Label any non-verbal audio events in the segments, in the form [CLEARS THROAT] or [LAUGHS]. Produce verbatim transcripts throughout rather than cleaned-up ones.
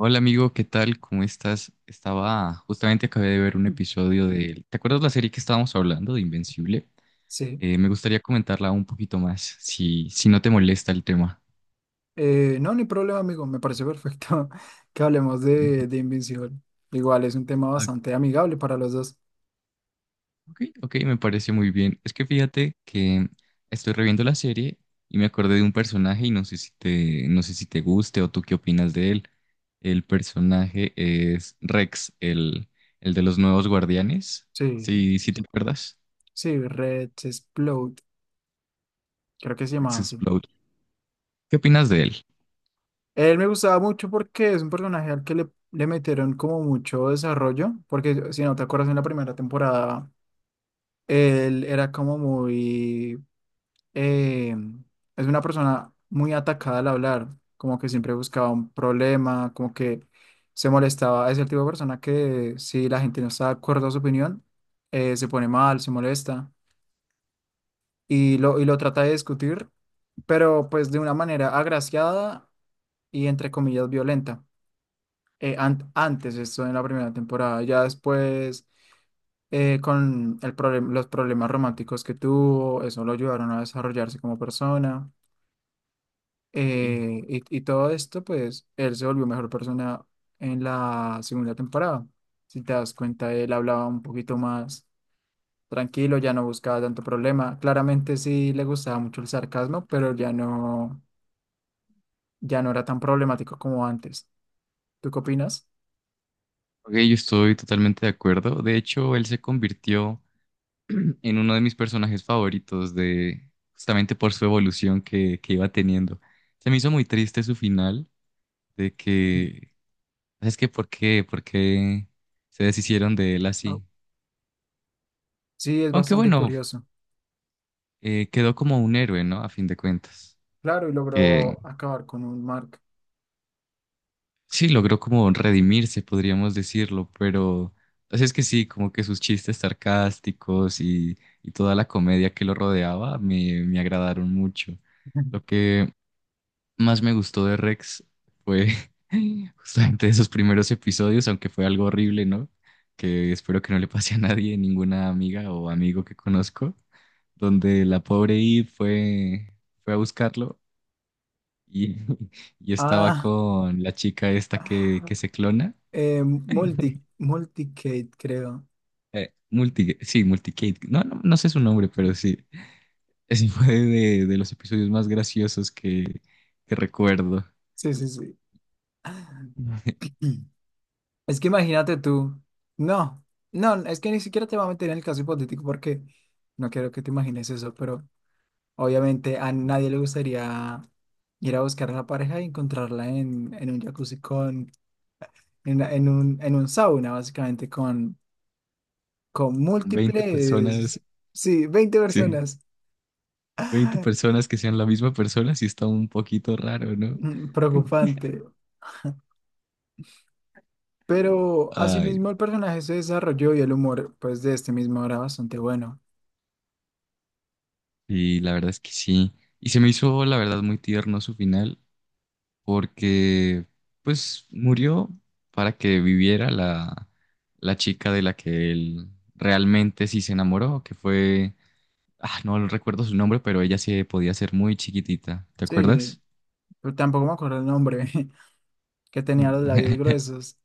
Hola amigo, ¿qué tal? ¿Cómo estás? Estaba, justamente acabé de ver un episodio de ¿te acuerdas la serie que estábamos hablando de Invencible? Sí. Eh, me gustaría comentarla un poquito más, si, si no te molesta el tema. Eh, no, ni problema, amigo. Me parece perfecto [LAUGHS] que hablemos de, de Invincible. Igual es un tema Ah, bastante amigable para los dos. ok, ok, me parece muy bien. Es que fíjate que estoy reviendo la serie y me acordé de un personaje y no sé si te, no sé si te guste o tú qué opinas de él. El personaje es Rex, el, el de los nuevos guardianes. Sí, Sí, sí te acuerdas. sí, Red Explode, creo que se Rex llamaba así. Explode. ¿Qué opinas de él? Él me gustaba mucho porque es un personaje al que le, le metieron como mucho desarrollo, porque si no te acuerdas en la primera temporada, él era como muy eh, es una persona muy atacada al hablar, como que siempre buscaba un problema, como que se molestaba. Es el tipo de persona que si la gente no está de acuerdo a su opinión, eh, se pone mal, se molesta y lo, y lo trata de discutir, pero pues de una manera agraciada y entre comillas violenta. Eh, an- antes, esto en la primera temporada, ya después eh, con el problem- los problemas románticos que tuvo, eso lo ayudaron a desarrollarse como persona. Ok, Eh, y, y todo esto, pues, él se volvió mejor persona en la segunda temporada. Si te das cuenta, él hablaba un poquito más tranquilo, ya no buscaba tanto problema. Claramente sí le gustaba mucho el sarcasmo, pero ya no, ya no era tan problemático como antes. ¿Tú qué opinas? ok, yo estoy totalmente de acuerdo. De hecho, él se convirtió [CLEARS THROAT] en uno de mis personajes favoritos de justamente por su evolución que, que iba teniendo. Se me hizo muy triste su final de Mm. que, ¿sabes qué? ¿Por qué? ¿Por qué se deshicieron de él Ah, así? sí, es Aunque bastante bueno, curioso. eh, quedó como un héroe, ¿no? A fin de cuentas, Claro, y que logró acabar con un Mark. sí, logró como redimirse, podríamos decirlo, pero así es que sí, como que sus chistes sarcásticos y, y toda la comedia que lo rodeaba me, me agradaron mucho. Lo [LAUGHS] que más me gustó de Rex fue [LAUGHS] justamente esos primeros episodios, aunque fue algo horrible, ¿no? Que espero que no le pase a nadie, ninguna amiga o amigo que conozco, donde la pobre Eve fue, fue a buscarlo y, [LAUGHS] y estaba Ah, con la chica esta que, que [LAUGHS] se clona. eh, multi, Multicade, creo. Eh, multi, sí, Multicade. No, no, no sé su nombre, pero sí. Ese [LAUGHS] fue de, de los episodios más graciosos que, que recuerdo. Sí, sí, Veinte sí. Es que imagínate tú. No, no, es que ni siquiera te voy a meter en el caso hipotético porque no quiero que te imagines eso, pero obviamente a nadie le gustaría ir a buscar a la pareja y encontrarla en, en un jacuzzi con, en, una- en un, en un sauna, básicamente, con, con múltiples, personas, sí, veinte sí, personas. veinte [LAUGHS] personas que sean la misma persona, sí está un poquito raro, ¿no? Mm, Sí. Preocupante. Pero Ay, asimismo el personaje se desarrolló y el humor, pues, de este mismo era bastante bueno. y la verdad es que sí. Y se me hizo, la verdad, muy tierno su final, porque pues murió para que viviera la, la chica de la que él realmente sí se enamoró, que fue ah, no recuerdo su nombre, pero ella se podía ser muy chiquitita. ¿Te Sí, acuerdas? pero tampoco me acuerdo el nombre. [LAUGHS] Que tenía los labios [LAUGHS] gruesos.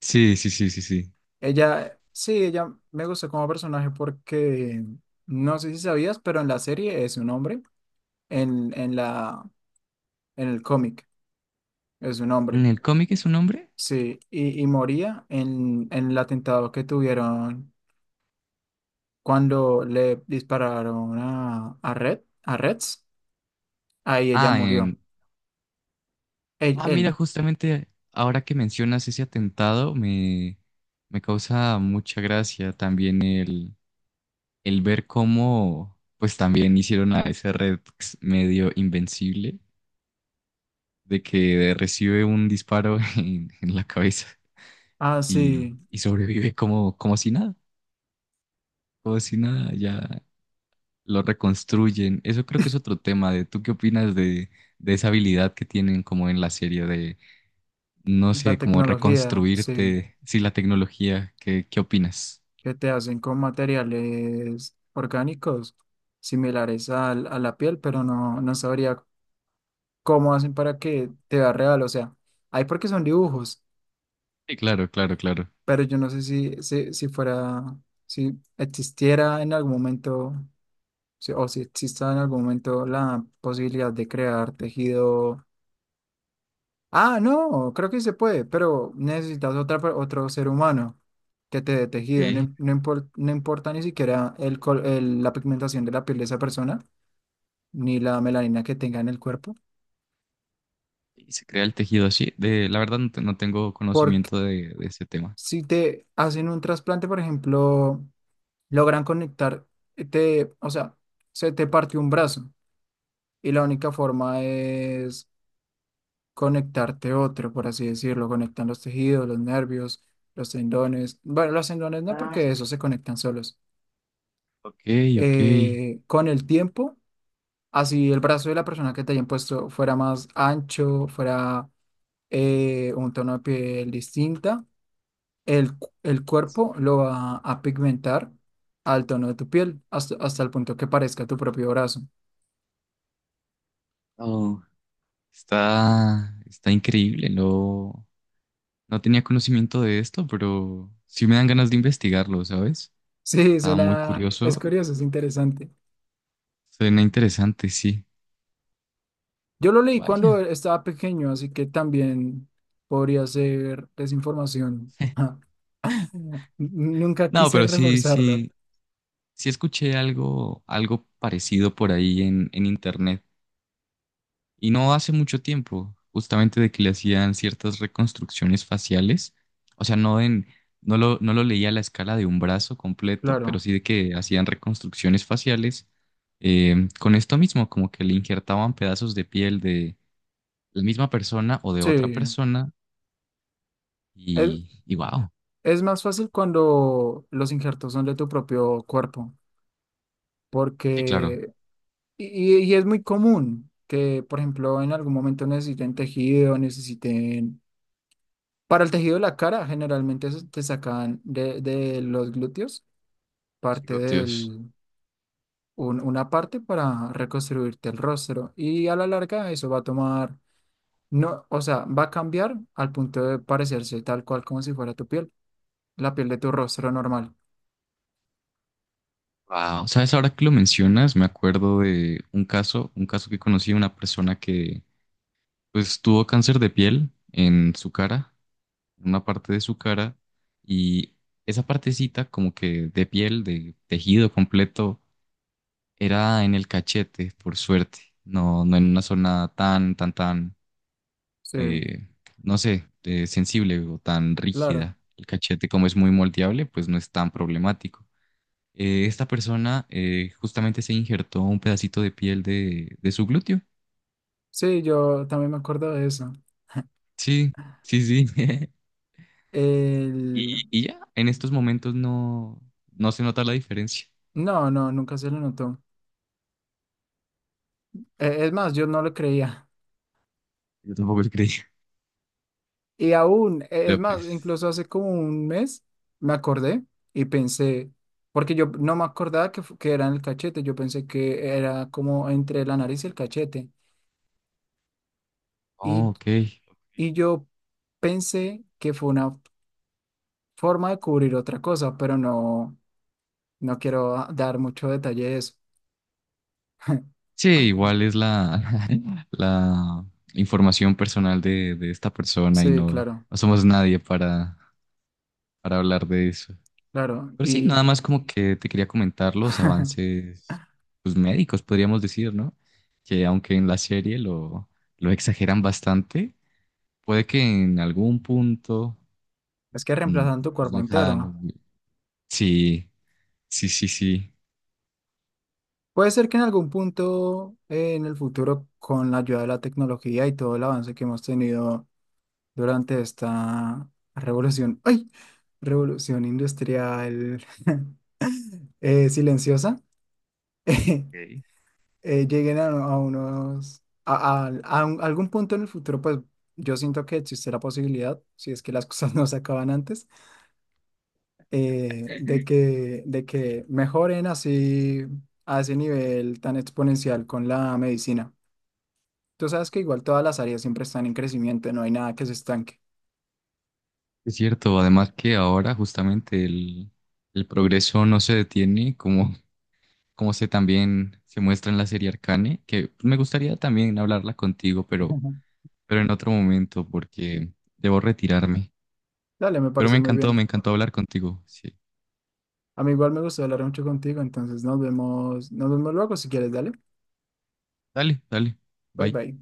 Sí, sí, sí, sí, sí. Ella, sí, ella me gustó como personaje porque no sé si sabías, pero en la serie es un hombre, en, en la, en el cómic es un hombre, ¿En el cómic es un hombre? sí, y, y moría en, en el atentado que tuvieron cuando le dispararon a, a Red, a Reds, ahí ella Ah, murió, en él, Ah, mira, él, justamente ahora que mencionas ese atentado, me, me causa mucha gracia también el, el ver cómo, pues también hicieron a ese Rex medio invencible, de que recibe un disparo [LAUGHS] en, en la cabeza ah, y, sí, y sobrevive como, como si nada, como si nada, ya lo reconstruyen. Eso creo que es otro tema de tú qué opinas de, de esa habilidad que tienen como en la serie de, no la sé, como tecnología, sí. reconstruirte, sí, la tecnología, ¿qué, qué opinas? Que te hacen con materiales orgánicos similares al- a la piel, pero no, no sabría cómo hacen para que te vea real. O sea, hay porque son dibujos, Sí, claro, claro, claro. pero yo no sé si, si, si fuera, si existiera en algún momento, si- o si exista en algún momento la posibilidad de crear tejido. Ah, no, creo que se puede, pero necesitas otra, per- otro ser humano que te dé tejido. No, Ok. im- no impor- no importa ni siquiera el, col- el- la pigmentación de la piel de esa persona, ni la melanina que tenga en el cuerpo. Y se crea el tejido así. De, la verdad no, te- no tengo Porque conocimiento de, de ese tema. si te hacen un trasplante, por ejemplo, logran conectar, eh, te, o sea, se te partió un brazo y la única forma es conectarte otro, por así decirlo. Conectan los tejidos, los nervios, los tendones. Bueno, los tendones no, porque esos se conectan solos Ok, ok. eh, con el tiempo, así el brazo de la persona que te hayan puesto fuera más ancho, fuera eh, un tono de piel distinta, el, cu- el cuerpo lo va a pigmentar al tono de tu piel, hasta, hasta el punto que parezca tu propio brazo. [LAUGHS] Oh, está, está increíble. No, no tenía conocimiento de esto, pero sí me dan ganas de investigarlo, ¿sabes? Sí, es Estaba muy una- es curioso. curioso, es interesante. Suena interesante, sí. Yo lo leí cuando Vaya. estaba pequeño, así que también podría ser desinformación. [LAUGHS] Nunca No, quise pero sí, reforzarlo, sí, sí escuché algo, algo parecido por ahí en, en internet. Y no hace mucho tiempo, justamente de que le hacían ciertas reconstrucciones faciales. O sea, no en, no lo, no lo leía a la escala de un brazo completo, pero claro. sí de que hacían reconstrucciones faciales eh, con esto mismo, como que le injertaban pedazos de piel de la misma persona o de otra Sí. persona. Y, y wow. Es más fácil cuando los injertos son de tu propio cuerpo, Sí, claro. porque, y, y- y es muy común que, por ejemplo, en algún momento necesiten tejido, necesiten, para el tejido de la cara, generalmente eso te sacan de, de los glúteos, Los parte glúteos. del, un- una parte para reconstruirte el rostro, y a la larga eso va a tomar, no, o sea, va a cambiar al punto de parecerse tal cual como si fuera tu piel, la piel de tu rostro normal. Wow, sabes, ahora que lo mencionas, me acuerdo de un caso, un caso que conocí una persona que pues tuvo cáncer de piel en su cara, en una parte de su cara, y esa partecita como que de piel, de tejido completo, era en el cachete, por suerte, no, no en una zona tan, tan, tan, Sí, eh, no sé, eh, sensible o tan claro. rígida. El cachete como es muy moldeable, pues no es tan problemático eh, esta persona eh, justamente se injertó un pedacito de piel de, de su glúteo. Sí, yo también me acuerdo de eso. Sí, sí, sí. [LAUGHS] Y, El. y ya, en estos momentos no, no se nota la diferencia. No, no, nunca se le notó. E- Es más, yo no lo creía. Yo tampoco lo creí, Y aún, [LAUGHS] e- es pero más, pues, incluso hace como un mes me acordé y pensé, porque yo no me acordaba que, fu- que era en el cachete, yo pensé que era como entre la nariz y el cachete. oh, Y, ok. y yo pensé que fue una forma de cubrir otra cosa, pero no, no quiero dar mucho detalle de eso. [LAUGHS] Sí, igual es la, [LAUGHS] la información personal de, de esta persona y Sí, no, claro, no somos nadie para, para hablar de eso. claro. Pero sí, nada Y más como que te quería comentar los [LAUGHS] avances pues, médicos, podríamos decir, ¿no? Que aunque en la serie lo, lo exageran bastante, puede que en algún punto es que mm, reemplazan tu pues, cuerpo entero. lejano. Sí, sí, sí, sí. Puede ser que en algún punto eh, en el futuro, con la ayuda de la tecnología y todo el avance que hemos tenido durante esta revolución, ¡ay! Revolución industrial [LAUGHS] eh, silenciosa, [LAUGHS] eh, Ok. lleguen a, a unos, a, a- a un- algún punto en el futuro, pues yo siento que existe la posibilidad, si es que las cosas [LAUGHS] no se acaban antes, eh, de que, de que mejoren así a ese nivel tan exponencial con la medicina. Tú sabes que igual todas las áreas siempre están en crecimiento, no hay nada que se estanque. Es cierto, además que ahora justamente el, el progreso no se detiene, como, como se también se muestra en la serie Arcane, que me gustaría también hablarla contigo, pero, [LAUGHS] pero en otro momento, porque debo retirarme. Dale, me Pero parece me muy encantó, me bien. encantó hablar contigo. Sí. A mí igual me gustó hablar mucho contigo, entonces nos vemos, nos vemos luego si quieres, dale. Dale, dale. Bye Bye. bye.